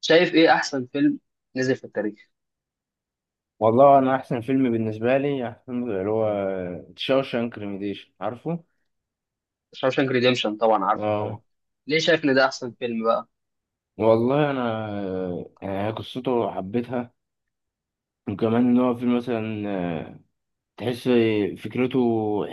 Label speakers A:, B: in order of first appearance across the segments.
A: شايف ايه احسن فيلم نزل في التاريخ؟
B: والله انا احسن فيلم بالنسبه لي احسن فيلم اللي هو شاوشانك ريميديشن عارفه.
A: شاوشانك ريديمشن طبعا عارفه
B: اه.
A: طبعا. ليه شايف ان ده احسن فيلم بقى؟
B: والله انا قصته حبيتها. وكمان ان هو فيلم مثلا آه، تحس فكرته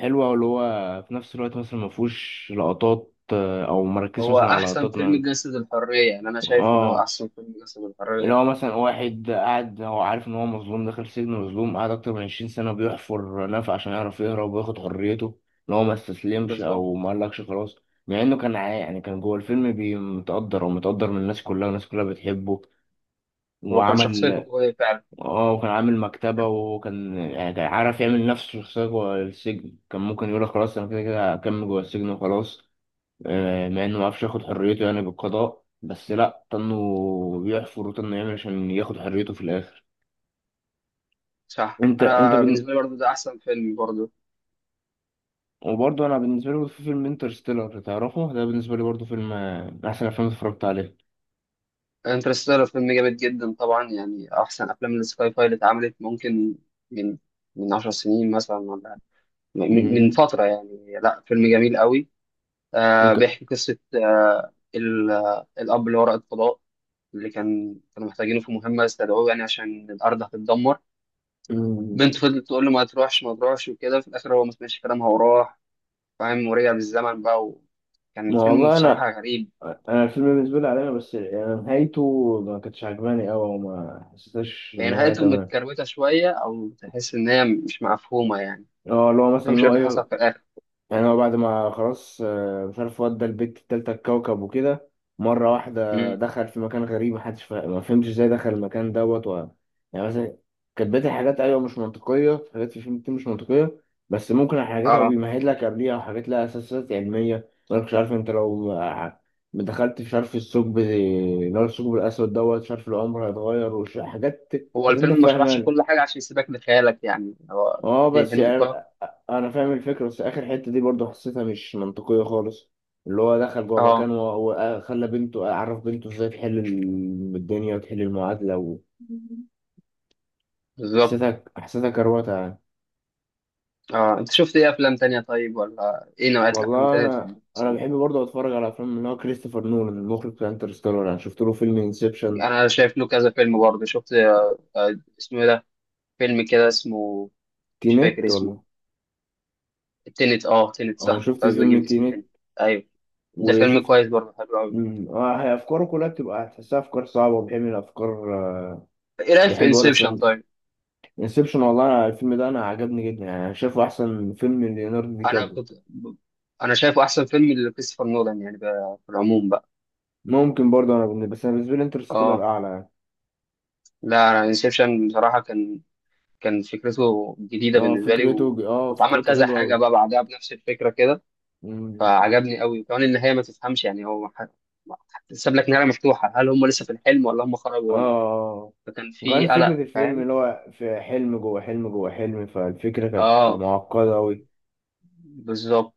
B: حلوه، واللي هو في نفس الوقت مثلا ما فيهوش لقطات او مركز
A: هو
B: مثلا على
A: احسن
B: لقطات
A: فيلم
B: من.
A: جسد الحريه، يعني انا شايف ان هو
B: اه
A: احسن فيلم جسد
B: اللي
A: الحريه.
B: هو مثلا واحد قاعد هو عارف ان هو مظلوم داخل سجن مظلوم قاعد اكتر من 20 سنة بيحفر نفق عشان يعرف يهرب وياخد حريته. ان هو ما استسلمش
A: بالظبط.
B: او ما قالكش خلاص. مع انه يعني كان جوه الفيلم متقدر ومتقدر من الناس كلها والناس كلها بتحبه
A: هو كان
B: وعمل.
A: شخصيته قويه فعلا.
B: اه، وكان عامل مكتبة وكان يعني كان عارف يعمل نفسه شخصية جوه السجن. كان ممكن يقول خلاص انا كده كده هكمل جوه السجن وخلاص. مع انه ما عرفش ياخد حريته يعني بالقضاء، بس لا طنه بيحفر وطنه يعمل عشان ياخد حريته في الاخر.
A: صح،
B: انت انت
A: انا
B: بن...
A: بالنسبه لي برضو ده احسن فيلم برضو.
B: وبرضه انا بالنسبه لي، برضه في فيلم انترستيلر تعرفه، ده بالنسبه لي برضه فيلم من احسن افلام اتفرجت عليه.
A: انترستيلر فيلم جامد جدا طبعا، يعني احسن افلام السكاي فاي اللي اتعملت، ممكن من من 10 سنين مثلا، ولا من
B: أمم،
A: فتره، يعني لا، فيلم جميل قوي.
B: وك...
A: بيحكي قصه الاب اللي هو رائد فضاء، اللي كانوا محتاجينه في مهمة، استدعوه يعني عشان الأرض هتتدمر.
B: أمم،
A: بنت فضلت تقول له ما تروحش ما تروحش وكده، في الآخر هو ما سمعش كلامها وراح، فاهم، ورجع بالزمن بقى، وكان
B: ما
A: فيلم
B: والله انا،
A: بصراحة غريب.
B: انا الفيلم بالنسبه لي علينا، بس يعني نهايته ما كانتش عجباني قوي وما حسيتهاش
A: هي
B: ان هي
A: نهايته
B: تمام.
A: متكروتة شوية، أو تحس إن هي مش مفهومة يعني،
B: اه، اللي هو مثلا
A: مفهمش
B: اللي
A: إيه
B: هو
A: اللي حصل
B: ايوه،
A: في الآخر.
B: يعني هو بعد ما خلاص مش عارف ودى البت التالتة الكوكب وكده، مرة واحدة
A: مم.
B: دخل في مكان غريب محدش ما فهمش ازاي دخل المكان دوت. يعني مثلا كانت بقية الحاجات أيوة مش منطقية، حاجات في الفيلم كتير مش منطقية. بس ممكن حاجات هو
A: آه
B: بيمهد لك قبليها أو حاجات لها أساسات علمية، أنا مش عارف أنت لو ما دخلت، مش عارف الثقب اللي هو الثقب الأسود دوت، مش عارف العمر هيتغير حاجات
A: هو
B: كنت أنت
A: الفيلم ما شرحش
B: فاهمها.
A: كل حاجة عشان يسيبك لخيالك، يعني هو
B: اه،
A: دي
B: بس يعني
A: نقطة.
B: انا فاهم الفكره، بس اخر حته دي برضه حسيتها مش منطقيه خالص. اللي هو دخل جوه مكان
A: آه،
B: وهو خلى بنته، عرف بنته ازاي تحل الدنيا وتحل المعادله، وحسيتها
A: بالظبط.
B: حسيتها حسيتها كروته يعني.
A: أنت شفت إيه أفلام تانية طيب، ولا إيه نوعية الأفلام
B: والله
A: التانية اللي
B: انا، انا
A: بتحبها؟
B: بحب برضه اتفرج على افلام اللي هو كريستوفر نولان المخرج بتاع انترستيلر. انا شفت له فيلم انسبشن.
A: انا شايف له كذا فيلم برضه، شفت اسمه ايه ده، فيلم كده اسمه، مش فاكر
B: تينت
A: اسمه.
B: ولا.
A: التنت، اه، تنت
B: اه،
A: صح،
B: شفت
A: كنت عايز اجيب
B: فيلم
A: اسم
B: تينت
A: تاني. ايوه، ده فيلم
B: وشفت.
A: كويس برضه، حلو قوي.
B: اه هي افكاره كلها بتبقى هتحسها افكار صعبه وبيحب الافكار،
A: ايه رايك في
B: بيحب هو
A: انسبشن
B: الافلام دي.
A: طيب؟
B: انسبشن، والله أنا الفيلم ده انا عجبني جدا، يعني انا شايفه احسن فيلم ليوناردو دي
A: انا
B: كابري.
A: كنت ب- انا شايفه احسن فيلم لكريستوفر نولان، يعني بقى في العموم بقى.
B: ممكن برضه انا بالنسبه لي انترستيلر
A: اه
B: اعلى يعني.
A: لا، انا انسبشن بصراحه كان فكرته جديده بالنسبه لي،
B: اه
A: واتعمل
B: فكرته
A: كذا
B: حلوه
A: حاجه
B: قوي.
A: بقى بعدها بنفس الفكره كده، فعجبني قوي. وكمان النهايه ما تفهمش، يعني ساب لك نهايه مفتوحه، هل هم لسه في الحلم ولا هم خرجوا ولا،
B: اه،
A: فكان في
B: وكان
A: قلق،
B: فكره الفيلم
A: فاهم.
B: اللي هو في حلم جوه حلم جوه حلم، فالفكره كانت
A: اه
B: معقده قوي.
A: بالظبط.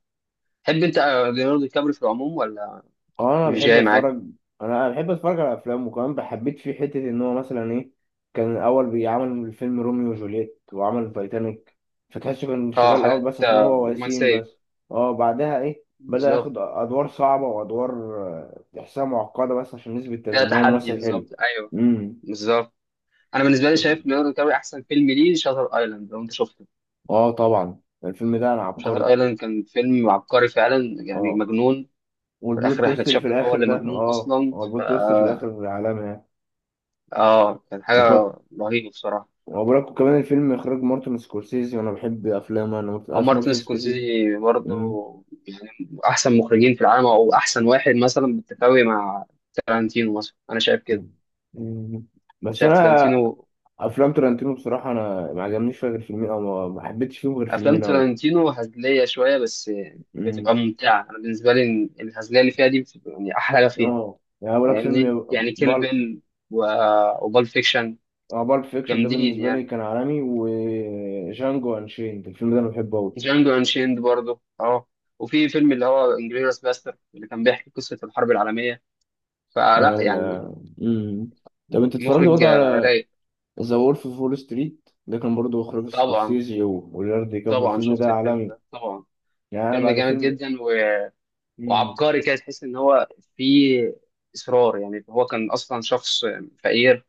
A: تحب انت ليوناردو دي كابري في العموم ولا؟
B: اه، انا
A: مش
B: بحب
A: جاي معاك؟
B: اتفرج، انا بحب اتفرج على افلام. وكمان بحبيت فيه حته ان هو مثلا ايه، كان الاول بيعمل فيلم روميو وجولييت وعمل تايتانيك، فتحسه كان
A: اه،
B: شغال الاول
A: حاجات
B: بس عشان هو وسيم
A: رومانسيه.
B: بس. اه، بعدها ايه، بدأ
A: بالظبط،
B: ياخد ادوار صعبه وادوار تحسها معقده بس عشان نثبت
A: فيها
B: ان هو
A: تحدي،
B: ممثل
A: بالظبط،
B: حلو.
A: ايوه.
B: امم.
A: بالظبط. انا بالنسبه لي شايف ليوناردو دي كابري احسن فيلم ليه شاتر ايلاند، لو انت شفته.
B: اه طبعا الفيلم ده انا
A: شاتر
B: عبقري.
A: ايلاند كان فيلم عبقري فعلا، يعني
B: اه،
A: مجنون. في
B: والبلوت
A: الاخر احنا
B: تويست اللي في
A: اكتشفنا ان هو
B: الاخر
A: اللي
B: ده،
A: مجنون
B: اه
A: اصلا.
B: هو البلوت تويست في الاخر عالمي
A: اه، كان
B: يعني.
A: حاجه رهيبه بصراحه.
B: وبركو كمان الفيلم اخراج مارتن سكورسيزي وانا بحب افلامه. انا
A: او
B: عارف
A: مارتن
B: مارتن سكورسيزي.
A: سكورسيزي برضه،
B: مم.
A: يعني احسن مخرجين في العالم، او احسن واحد مثلا بالتساوي مع تارانتينو مثلا، انا شايف كده.
B: مم.
A: انا
B: بس
A: شايف
B: انا
A: تارانتينو،
B: افلام ترنتينو بصراحه انا ما عجبنيش فيها غير فيلمين، او ما حبيتش فيهم غير
A: افلام
B: فيلمين قوي.
A: تارانتينو هزليه شويه، بس بتبقى ممتعه. انا بالنسبه لي الهزليه اللي فيها دي بتبقى يعني احلى حاجه فيها،
B: اه يعني بقول لك
A: فاهمني،
B: فيلم
A: يعني كيل
B: بال
A: بيل، و... وبال فيكشن،
B: اه، بالب فيكشن ده
A: جامدين
B: بالنسبه
A: يعني.
B: لي كان عالمي، وجانجو انشيند الفيلم ده انا بحبه قوي.
A: جانجو انشيند برضه، اه، وفي فيلم اللي هو انجلوريوس باستر، اللي كان بيحكي قصه الحرب العالميه، فلا يعني،
B: طب انت اتفرجت
A: مخرج
B: برضه على
A: رايق.
B: ذا وولف اوف وول ستريت، ده كان برضه اخراج
A: طبعا،
B: سكورسيزي وليوناردو دي كابريو،
A: طبعا
B: الفيلم
A: شفت
B: ده
A: الفيلم
B: عالمي.
A: ده طبعا.
B: يعني أنا
A: فيلم
B: بعد
A: جامد
B: الفيلم.
A: جدا،
B: مم.
A: وعبقري كده، تحس ان هو فيه اصرار، يعني هو كان اصلا شخص فقير،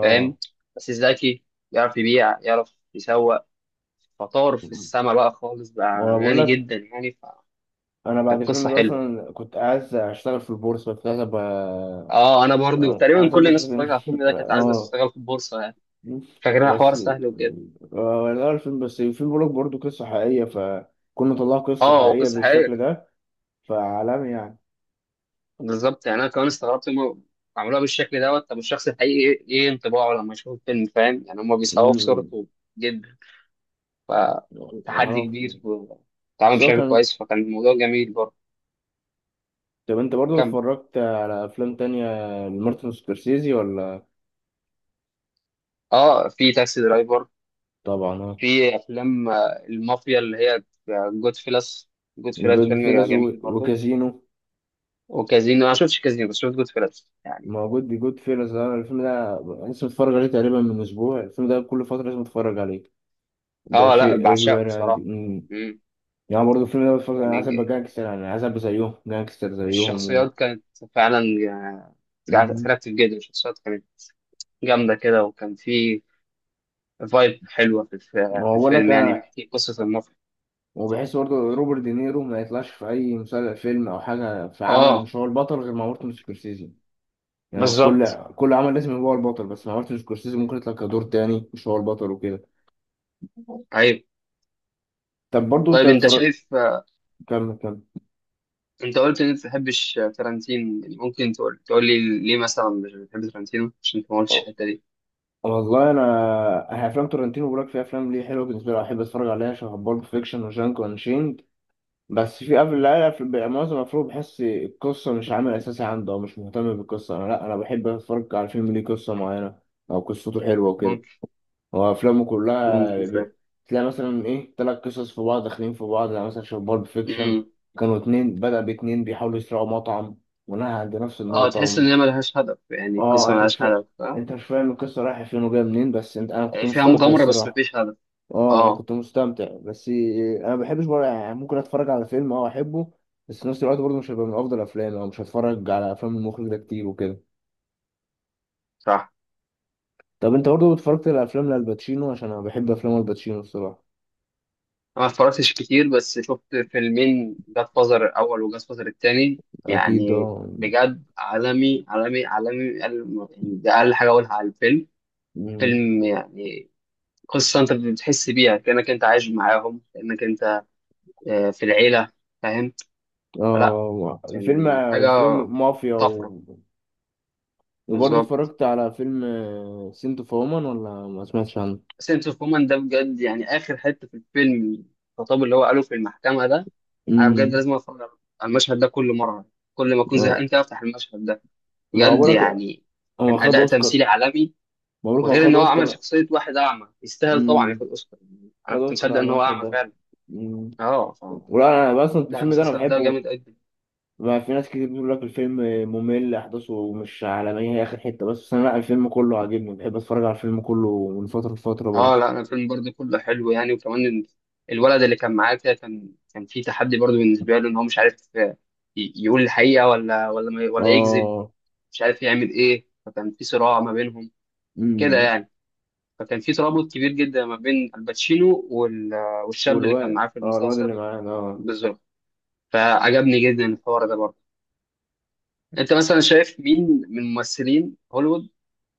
A: فاهم، بس ذكي، يعرف يبيع يعرف يسوق، فطار في السما بقى، خالص بقى
B: وانا بقول
A: غني
B: لك،
A: جدا يعني،
B: انا بعد
A: فكانت
B: الفيلم
A: قصه
B: ده
A: حلوه.
B: اصلا كنت عايز اشتغل في البورصه، كنت عايز ابقى
A: اه، انا برضو تقريبا
B: عايز
A: كل
B: ابقى
A: الناس
B: شغل
A: اتفرجت على الفيلم ده كانت عايزه
B: اه.
A: تشتغل في البورصه يعني، فاكرها حوار
B: بس
A: سهل وكده.
B: لا الفيلم، بس الفيلم بقول لك برضه قصه حقيقيه، فكنا طلعوا قصه
A: اه
B: حقيقيه
A: قصه
B: بالشكل
A: حقيقيه.
B: ده، فعالمي يعني.
A: بالظبط، يعني انا كمان استغربت هم عملوها بالشكل دوت، طب الشخص الحقيقي ايه إيه انطباعه لما يشوف الفيلم، فاهم، يعني هم بيصوروا
B: مم.
A: بصورته جدا، فتحدي
B: معرفش
A: كبير، واتعمل
B: سواء
A: بشكل
B: كان.
A: كويس، فكان الموضوع جميل برضه.
B: طب انت برضه
A: كم،
B: اتفرجت على افلام تانية لمارتن سكورسيزي ولا.
A: اه، في تاكسي درايفر،
B: طبعا اه،
A: في افلام المافيا اللي هي جود فيلس، جود فيلس
B: جود
A: فيلم
B: فيلس
A: جميل برضه.
B: وكازينو.
A: وكازينو، انا ما شفتش كازينو بس شفت جود فيلس يعني.
B: موجود دي جود فيلز، انا الفيلم ده لسه متفرج عليه تقريبا من اسبوع، الفيلم ده كل فتره لازم اتفرج عليه، ده
A: اه لا،
B: شيء
A: بعشقه
B: اجباري عندي.
A: بصراحه. مم.
B: يعني برضه الفيلم ده بتفرج، انا عايز ابقى
A: يعني
B: جانجستر يعني، عايز ابقى زيهم جانجستر زيهم.
A: الشخصيات كانت فعلا كانت
B: أمم.
A: اتراكتيف جدا، الشخصيات كانت جامدة كده، وكان في فايب حلوة في
B: واقول لك
A: الفيلم، يعني
B: انا،
A: بيحكي قصة النصر.
B: وبحس برضه روبرت دينيرو ما يطلعش في اي مسلسل فيلم او حاجه، في عمل
A: اه،
B: مش هو البطل غير مع مارتن سكورسيزي، يعني هو في كل،
A: بالظبط.
B: كل عمل لازم يبقى هو البطل، بس مع مارتن سكورسيزي ممكن يطلع كدور تاني مش هو البطل وكده.
A: طيب،
B: طب برضه انت
A: طيب انت
B: اتفرج،
A: شايف،
B: كمل كمل.
A: انت قلت ان انت ما بتحبش ترنتين يعني، ممكن تقول لي ليه مثلا مش بتحب ترنتينو، عشان انت ما قلتش الحتة دي.
B: والله انا، أنا افلام تورنتينو براك في افلام ليه حلوه بالنسبه لي احب اتفرج عليها، شبه بالب فيكشن وجانك وانشيند. بس في قبل لا، في معظم الافلام بحس القصه مش عامل اساسي عنده او مش مهتم بالقصه، انا لا انا بحب اتفرج على فيلم ليه قصه معينه او قصته حلوه وكده.
A: ممكن،
B: هو افلامه كلها
A: ممكن فعلا.
B: تلاقي مثلا ايه تلات قصص في بعض داخلين في بعض، يعني مثلا شبه بالب فيكشن
A: امم.
B: كانوا اتنين، بدأ باتنين بيحاولوا يسرقوا مطعم، ونهى عند نفس
A: اه
B: النقطة.
A: تحس ان هي ملهاش هدف، يعني
B: اه
A: القصة
B: انت مش
A: ملهاش
B: فا...
A: هدف، اه؟
B: انت مش فاهم القصه رايحه فين وجايه منين، بس انت انا كنت
A: يعني فيها
B: مستمتع
A: مغامرة، بس
B: الصراحه.
A: مفيش هدف.
B: اه انا
A: اه
B: كنت مستمتع، بس انا ما بحبش بقى يعني، ممكن اتفرج على فيلم اه احبه، بس في نفس الوقت برضه مش هيبقى من افضل افلامي، او مش هتفرج على افلام المخرج ده كتير وكده.
A: صح.
B: طب انت برضه اتفرجت على افلام لالباتشينو؟ عشان انا بحب افلام الباتشينو الصراحه.
A: أنا ما اتفرجتش كتير، بس شفت فيلمين، جاد فازر الأول وجاد فازر التاني،
B: اكيد
A: يعني
B: اه.
A: بجد عالمي عالمي عالمي، يعني ده أقل حاجة أقولها على الفيلم.
B: مم.
A: فيلم يعني قصة أنت بتحس بيها كأنك أنت عايش معاهم، كأنك أنت في العيلة، فاهم، فلا
B: اه الفيلم،
A: يعني حاجة
B: الفيلم مافيا
A: طفرة.
B: و... وبرضه
A: بالظبط.
B: اتفرجت على فيلم سنتو فومان ولا ما سمعتش عنه.
A: سنس اوف وومن ده بجد يعني، آخر حتة في الفيلم الخطاب اللي هو قاله في المحكمة ده، أنا بجد
B: امم.
A: لازم أتفرج على المشهد ده كل مرة، كل ما أكون
B: اه
A: زهقان كده أفتح المشهد ده،
B: ما هو
A: بجد
B: بقولك
A: يعني.
B: هو
A: كان
B: خد
A: اداء
B: اوسكار.
A: تمثيلي عالمي.
B: مبروك، هو
A: وغير ان
B: خد
A: هو عمل
B: اوسكار.
A: شخصيه واحد اعمى، يستاهل طبعا
B: امم.
A: ياخد اوسكار.
B: خد
A: انا كنت
B: اوسكار
A: مصدق
B: على
A: ان هو
B: المشهد
A: اعمى
B: ده.
A: فعلا.
B: امم.
A: اه،
B: ولا انا اصلا
A: لا،
B: الفيلم ده انا
A: المسلسل ده
B: بحبه.
A: جامد جدا.
B: ما في ناس كتير بتقول لك الفيلم ممل احداثه مش عالميه، هي اخر حته بس، بس انا لا، الفيلم كله عاجبني، بحب اتفرج على الفيلم كله من فتره لفتره
A: اه
B: برضه.
A: لا، الفيلم برضه كله حلو يعني. وكمان الولد اللي كان معاه كده، كان في تحدي برضه بالنسبه له، ان هو مش عارف يقول الحقيقه، ولا ما ي- ولا يكذب،
B: اه.
A: مش عارف يعمل ايه، فكان في صراع ما بينهم كده
B: امم.
A: يعني. فكان في ترابط كبير جدا ما بين الباتشينو والشاب اللي كان
B: والواد،
A: معاه في
B: اه الواد اللي
A: المسلسل.
B: معانا اه.
A: بالظبط، فعجبني جدا الحوار ده برضه. انت مثلا شايف مين من ممثلين هوليوود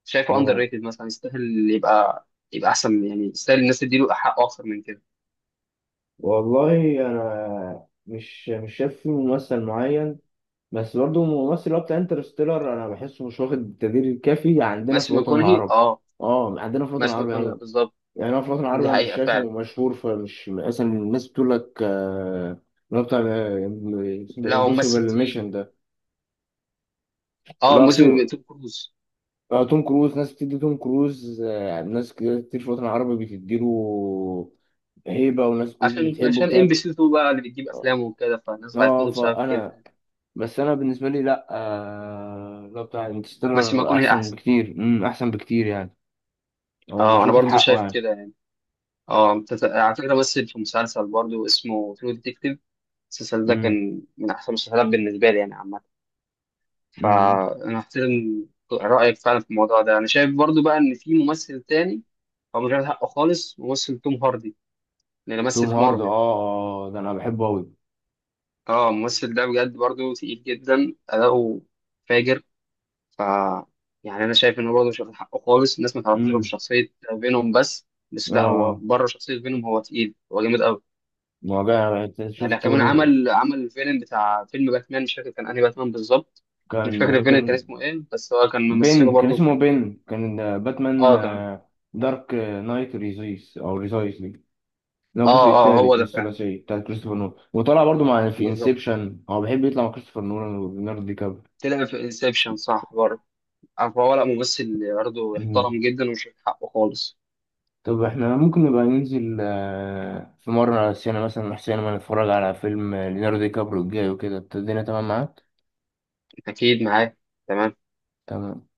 A: شايفه اندر
B: اه.
A: ريتد مثلا، يستاهل يبقى احسن يعني، يستاهل الناس تديله حقه اكتر من كده؟
B: والله انا مش شايف فيه ممثل معين، بس برضه الممثل اللي هو بتاع انترستيلر انا بحسه مش واخد التقدير الكافي عندنا في
A: ماثيو
B: الوطن
A: ماكونهي،
B: العربي.
A: اه،
B: اه عندنا في الوطن
A: ماثيو
B: العربي
A: ماكونهي
B: عموما.
A: بالظبط.
B: يعني انا في الوطن العربي
A: دي
B: انا مش
A: حقيقه
B: شايفه
A: فعلا.
B: مشهور، فمش مثلا الناس بتقول لك اللي هو بتاع
A: لا هو
B: امبوسيبل
A: ممثل تقيل.
B: ميشن ده.
A: اه،
B: اللي هو
A: موسم
B: فيه
A: توم كروز.
B: توم كروز، ناس بتدي توم كروز ناس كتير كتير في الوطن العربي بتديله هيبة، وناس كتير
A: عشان
B: بتحبه
A: عشان
B: بتاع.
A: ام بي سي 2 بقى اللي بتجيب افلامه وكده، فالناس
B: اه،
A: عرفته بسبب
B: فانا،
A: كده.
B: بس انا بالنسبه لي لا لو بتاع
A: ماثيو
B: انترستيلر
A: ماكونهي
B: احسن
A: احسن.
B: بكتير، امم، احسن بكتير يعني. هو
A: اه،
B: مش
A: انا
B: واخد
A: برضو
B: حقه
A: شايف
B: يعني.
A: كده يعني. اه، على فكره مثل في مسلسل برضو اسمه ترو ديتكتيف، المسلسل ده
B: امم.
A: كان من احسن المسلسلات بالنسبه لي يعني، عامة.
B: امم.
A: فانا احترم رايك فعلا في الموضوع ده. انا شايف برضو بقى ان في ممثل تاني هو مش واخد حقه خالص، ممثل توم هاردي اللي
B: توم
A: مثل في
B: هارد، اه
A: مارفل.
B: اه ده انا بحبه قوي.
A: اه الممثل ده بجد برضو تقيل جدا، اداؤه فاجر، ف يعني انا شايف انه برضو مش واخد حقه خالص، الناس ما تعرفوش غير
B: امم.
A: بشخصيه فينوم بس، بس
B: اه
A: لا هو
B: اه.
A: بره شخصيه فينوم هو تقيل، هو جامد قوي.
B: مواجع
A: يعني
B: شفت
A: كمان
B: برضه.
A: عمل الفيلم بتاع فيلم باتمان، مش فاكر كان انهي باتمان بالظبط، مش
B: كان
A: فاكر الفيلم كان
B: كان
A: اسمه ايه، بس هو كان ممثله
B: بن كان
A: برضو
B: اسمه
A: كان.
B: بن كان باتمان،
A: اه،
B: دارك نايت ريزيس او ريزايس دي. ده
A: اه،
B: الجزء
A: اه هو
B: الثالث من
A: ده فعلا،
B: الثلاثيه بتاع كريستوفر نولان، وطلع برضه مع، في
A: بالظبط.
B: انسبشن، هو بيحب يطلع مع كريستوفر نولان وليوناردو دي
A: تلاقي في انسبشن صح برضه، عارف، هو لا، ممثل برضه
B: كابريو.
A: يحترم جدا ويشوف حقه خالص.
B: طب احنا ممكن نبقى ننزل في مرة على السينما، مثلا محسن ما نتفرج على فيلم ليوناردو دي كابريو الجاي وكده، الدنيا تمام معاك؟
A: اكيد معاه. تمام.
B: تمام.